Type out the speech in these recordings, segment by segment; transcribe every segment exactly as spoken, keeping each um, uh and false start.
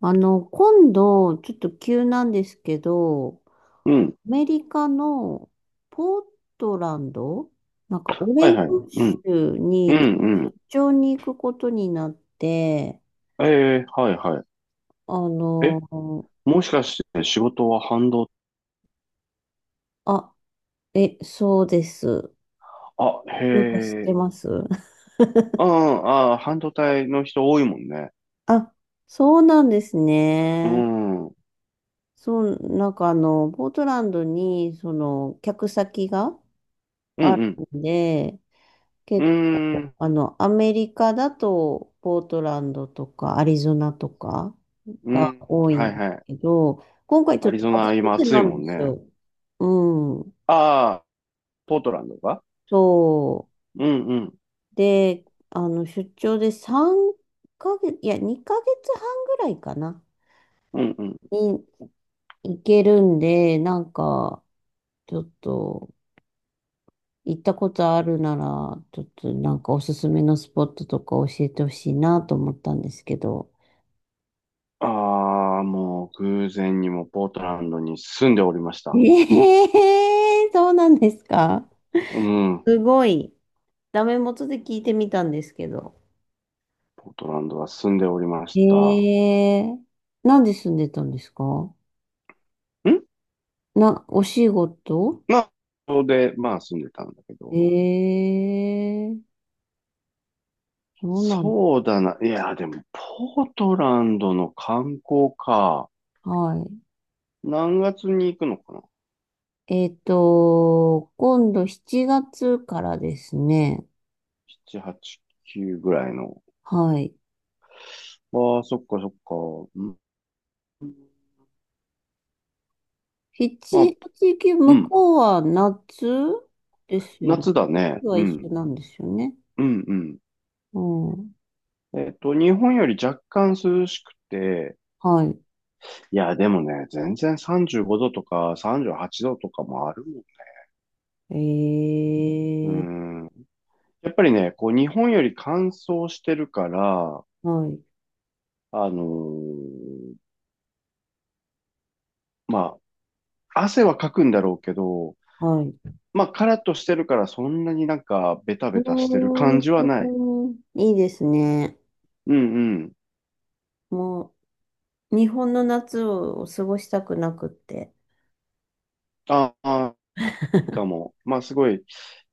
あの、今度、ちょっと急なんですけど、うん。アメリカのポートランド、なんかオはレいはい。ゴンうん。州うんうにん。出張に行くことになって、ええ、はいはあい。え、の、もしかして仕事は半導あ、え、そうです。体、あ、なんか知っへてえ。ます？ ああ、あー、半導体の人多いもんね。あ、そうなんですうね。ん。うんそう、なんかあの、ポートランドに、その、客先がうあるん。んで、うー結ん。あの、アメリカだと、ポートランドとか、アリゾナとかうがん。多いはんいですはい。けど、今回ちアょっリとゾ初ナめ今て暑いなもんんですね。よ。うん。ああ、ポートランドか。そうんうん。う。で、あの、出張でさんかげつ、いや、にかげつはんぐらいかな、うんうん。に行けるんで、なんか、ちょっと、行ったことあるなら、ちょっとなんかおすすめのスポットとか教えてほしいなと思ったんですけど。ああ、もう偶然にもポートランドに住んでおりました。ええ、そうなんですか？うん。すごい。ダメ元で聞いてみたんですけど。ポートランドは住んでおりまえした。え、なんで住んでたんですか？んな、お仕事？まあ、そこで、まあ住んでたんだけど。ええ、そうなんそうだな。いや、でも、ポートランドの観光か。だ、はい。何月に行くのかな？ えっと、今度しちがつからですね。しち、はち、くぐらいの。はい。ああ、そっかそっか。うん。まあ、しち、はち、く、う向ん。こうは夏ですよね。夏だね。はう一ん。緒なんですよね。うん、うん。うん。えっと、日本より若干涼しくて、はい。いや、でもね、全然さんじゅうごどとかさんじゅうはちどとかもあるもええ、ん。うん。やっぱりね、こう、日本より乾燥してるから、はい、あのーま、汗はかくんだろうけど、はい。まあ、カラッとしてるからそんなになんかベタうベタしてる感じはない。ーん、いいですね。うんうん。もう、日本の夏を過ごしたくなくって。ああ、いいかも。まあ、すごい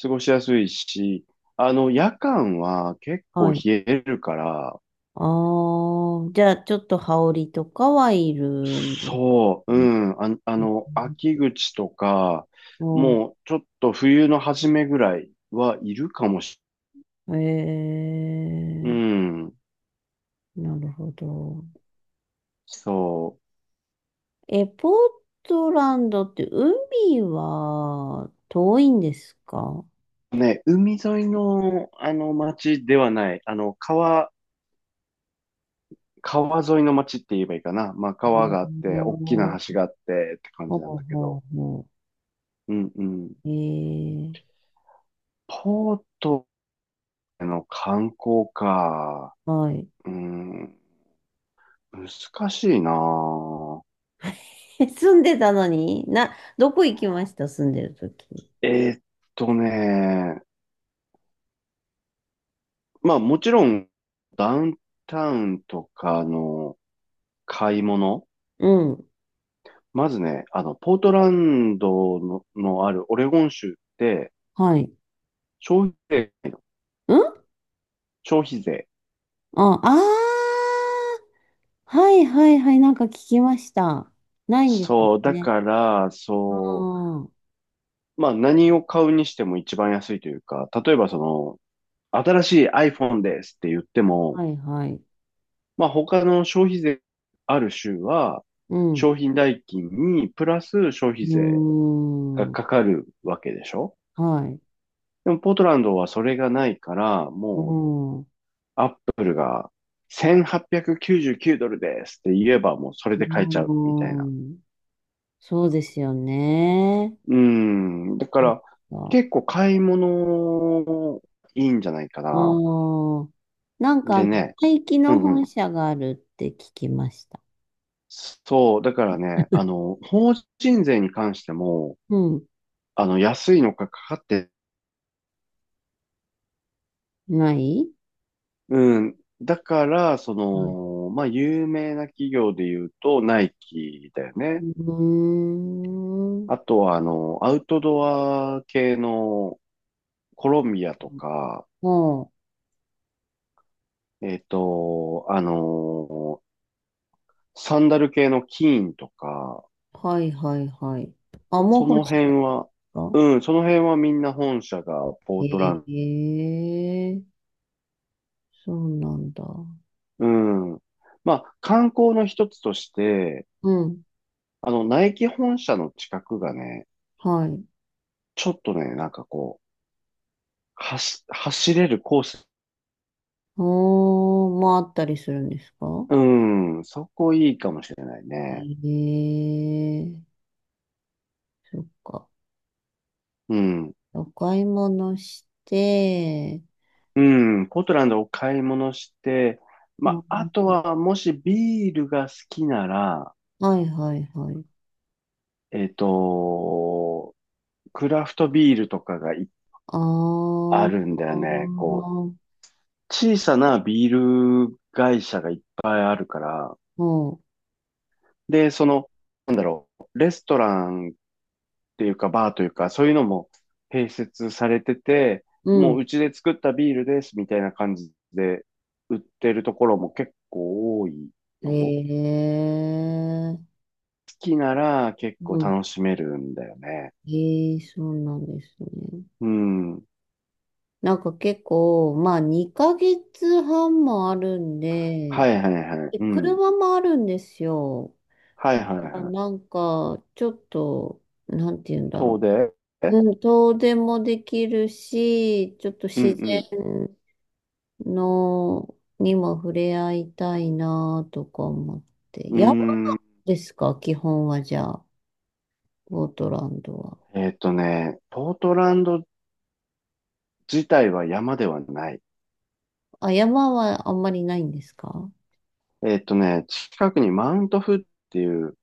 過ごしやすいし、あの、夜間は結は構冷い。えるから、ああ、じゃあ、ちょっと羽織とかはいるんそう、うですん、あ、あね。の、秋口とか、うもうちょっと冬の初めぐらいはいるかもしん。れない、えうん、ー、なるほど。そえ、ポートランドって海は遠いんですか？う。ね、海沿いの、あの、町ではない、あの、川、川沿いの町って言えばいいかな。まあう川があっん、て、大きなほ橋があってって感うじなんほだけうど。ほうんうん。う。えー、ポートの観光か。はい。うん、難しいな。え、住んでたのにな、どこ行きました、住んでる時？えーっとね、まあもちろんダウンタウンとかの買い物。うん。まずね、あの、ポートランドの、のあるオレゴン州ってはい。消費税がないの、うん、消費税。あ、あー。はいはいはい。なんか聞きました。ないんですよそう、だね。から、うそう、ん。はまあ何を買うにしても一番安いというか、例えばその、新しい iPhone ですって言っても、いはい。まあ他の消費税ある州は、うん。う商品代金にプラス消費税ーがん。かかるわけでしょ？はい。でもポートランドはそれがないから、うもうん。うアップルがせんはっぴゃくきゅうじゅうきゅうドルですって言えばもうそれで買えちゃうみたいーな。ん。そうですよね。うーん。だかなんらか、結構買い物いいんじゃないかあな。ー。なんか、でね、廃棄うのんう本ん。社があるって聞きました。そう、だからね、あ の、法人税に関しても、うん。あの、安いのかかかって、ない。うん。だから、その、まあ、有名な企業で言うと、ナイキだようね。ーん。あとは、あの、アウトドア系のコロンビアとか、はえっと、あの、サンダル系のキーンとか、あ、はいはいはい。あ、もうそ欲のしか辺っは、た。うん、その辺はみんな本社がポートランへえ、そうなんだ。ド、うん。まあ、観光の一つとして、うん、あの、ナイキ本社の近くがね、はい。ちょっとね、なんかこう、走、走れるコース。おー、まああったりするんですか？うん、そこいいかもしれないへね。え、そっか。うん。お買い物して、うん、ポートランドを買い物して、まあ、あ、あとは、もしビールが好きなら、はいはいはい。えっと、クラフトビールとかがいああー、るんだあよね。こう、ー、小さなビール会社がいっぱいあるから、もで、その、なんだろう、レストランていうか、バーというか、そういうのも併設されてて、う、うもん。ううちで作ったビールですみたいな感じで売ってるところも結構多いよ。へ好え、きなら結う構ん、楽しめるんだよね。ええ、そうなんですね。うん。なんか結構、まあにかげつはんもあるんで、はいはいはい。でうん。車もあるんですよ。はだいかはいらはい。なんか、ちょっと、なんて言うんだろ遠でう。えうん、遠出もできるし、ちょっとう自ん然の、にも触れ合いたいなとか思って。うん。う山ーん。ですか、基本はじゃあ、ゴートランドは？えっとね、ポートランド自体は山ではない。あ、山はあんまりないんですか？えっとね、近くにマウントフっていう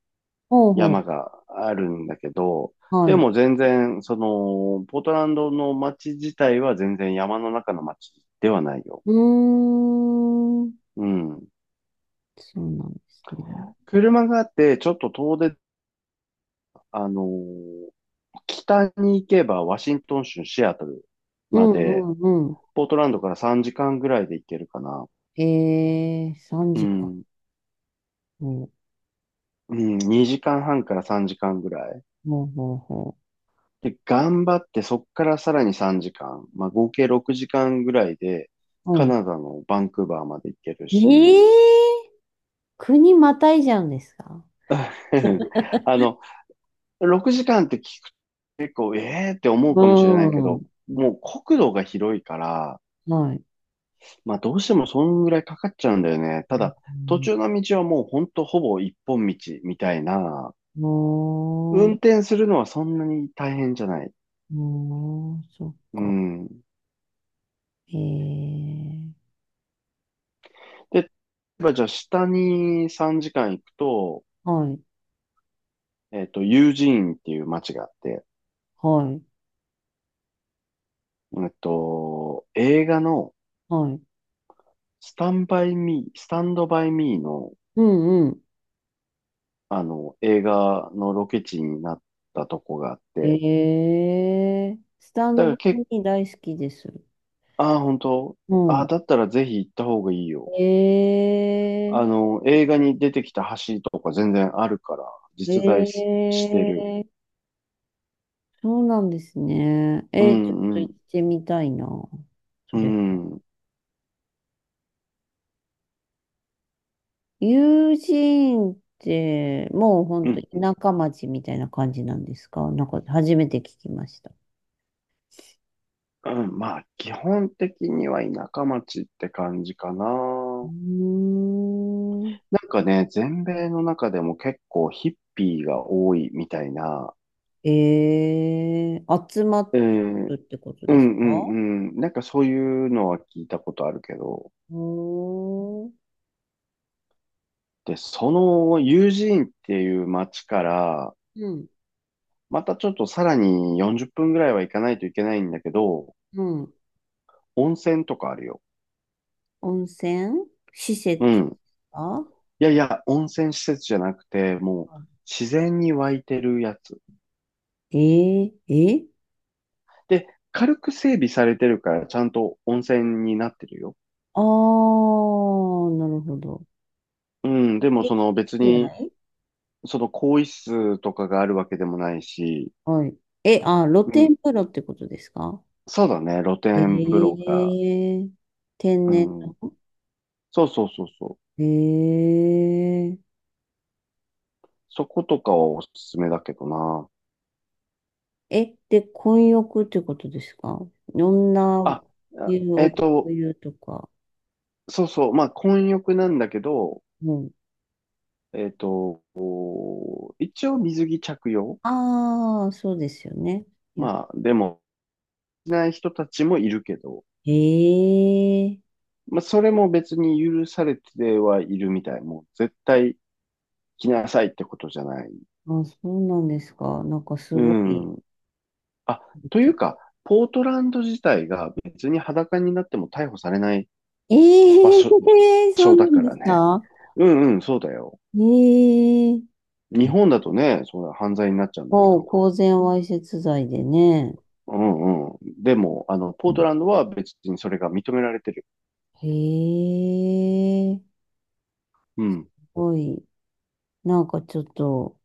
ほうほ山う。があるんだけど、はでい。も全然、その、ポートランドの街自体は全然山の中の街ではないよ。うーん。うん。そうなんですね。車があって、ちょっと遠出、あのー北に行けばワシントン州シアトルうまで、んうんうポートランドからさんじかんぐらいで行けるかな。ん。えー、うさんじかんか。ん。ほううん、にじかんはんからさんじかんぐらい。ほうほうほで、頑張ってそっからさらにさんじかん、まあ合計ろくじかんぐらいで、う。うカん。ナダのバンクーバーまで行けるえし、えー、国またいじゃうんですか？ あの、ろくじかんって聞くと結構、えーって思うかもしれないけうど、ん。もう国土が広いから、はい。まあどうしてもそんぐらいかかっちゃうんだよね。ただ、う途ん、中の道はもうほんとほぼ一本道みたいな、おー、運転するのはそんなに大変じゃない。おー、そっうか。ん。えー、で、例えばじゃあ下にさんじかん行くと、はい、えっと、ユージーンっていう街があって、はい、えっと、映画のはい。スタンバイミー、スタンドバイミーの、うんうあの、映画のロケ地になったとこがあっん。て、えー、スタンだかドバらイけミー大好きです。ああー、本当？うああー、ん。だったらぜひ行った方がいいよ。えー、あの、映画に出てきた橋とか全然あるから、実在し、えしてる。え、そうなんですね。うえー、ちょっとん、う行っん、てみたいな、そうれ。ん、友人って、もうほんうとん、田舎町みたいな感じなんですか？なんか初めて聞きました。うん。まあ、基本的には田舎町って感じかうな。ーん。なんかね、全米の中でも結構ヒッピーが多いみたいな、ええ、集まっえてー、るってことうですんうか？んうん、なんかそういうのは聞いたことあるけど、おー。で、そのユージーンっていう街から、うん。またちょっとさらによんじゅっぷんぐらいは行かないといけないんだけど、うん。温泉とかあるよ。温泉施う設ん。か。いやいや、温泉施設じゃなくて、もう自然に湧いてるやつ。えええ、で、軽く整備されてるから、ちゃんと温泉になってるよ。ああー、なるほど。うん、でもえ、その別室に内？その更衣室とかがあるわけでもないし、はい。え、あ、露うん、天風呂ってことですか？そうだね、露え天風呂が、え、天う然ん、の？そうそうそうそう、ええそことかはおすすめだけどな。え、で、混浴ってことですか？女あ、あ湯、えっ男と、湯とか。そうそう、まあ、混浴なんだけど、うん。えっと、一応水着着用。ああ、そうですよね。やっまあ、でも、しない人たちもいるけど、えーまあ、それも別に許されてはいるみたい。もう絶対着なさいってことじゃない。あ、そうなんですか。なんかすうごい。ん。あ、というか、ポートランド自体が別に裸になっても逮捕されないえ場えー 所、場 そ所うなだんかでらすね。か？うんうん、そうだよ。ええー、日本だとね、そう犯罪になっちゃうんだけもう、ど。公然わいせつ罪でね。うんうん。でも、あの、ポうートん、ランドは別にそれが認められてる。へえ、すうん。ごい。なんかちょっと、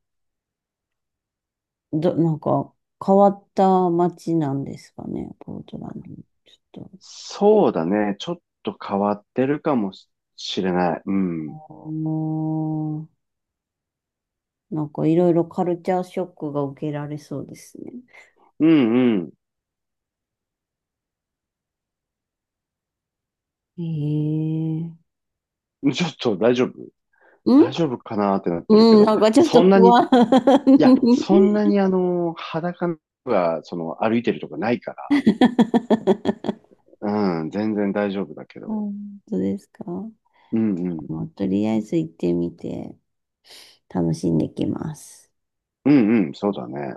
ど、なんか変わった街なんですかね、ポートランド。ちょっそうだね。ちょっと変わってるかもしれない。うと、ん。もう、なんかいろいろカルチャーショックが受けられそうですね。うんへえ、うん。ちょっと大丈夫、うん大丈夫かなってなってるけうん、ど、なんかちょっとそんな不に、安。あ、いや、そんなにあの、裸が、その、歩いてるとかないから。うん、全然大丈夫だけど。本当ですか。うんうん。もうとりあえず行ってみて、楽しんできます。うんうん、そうだね。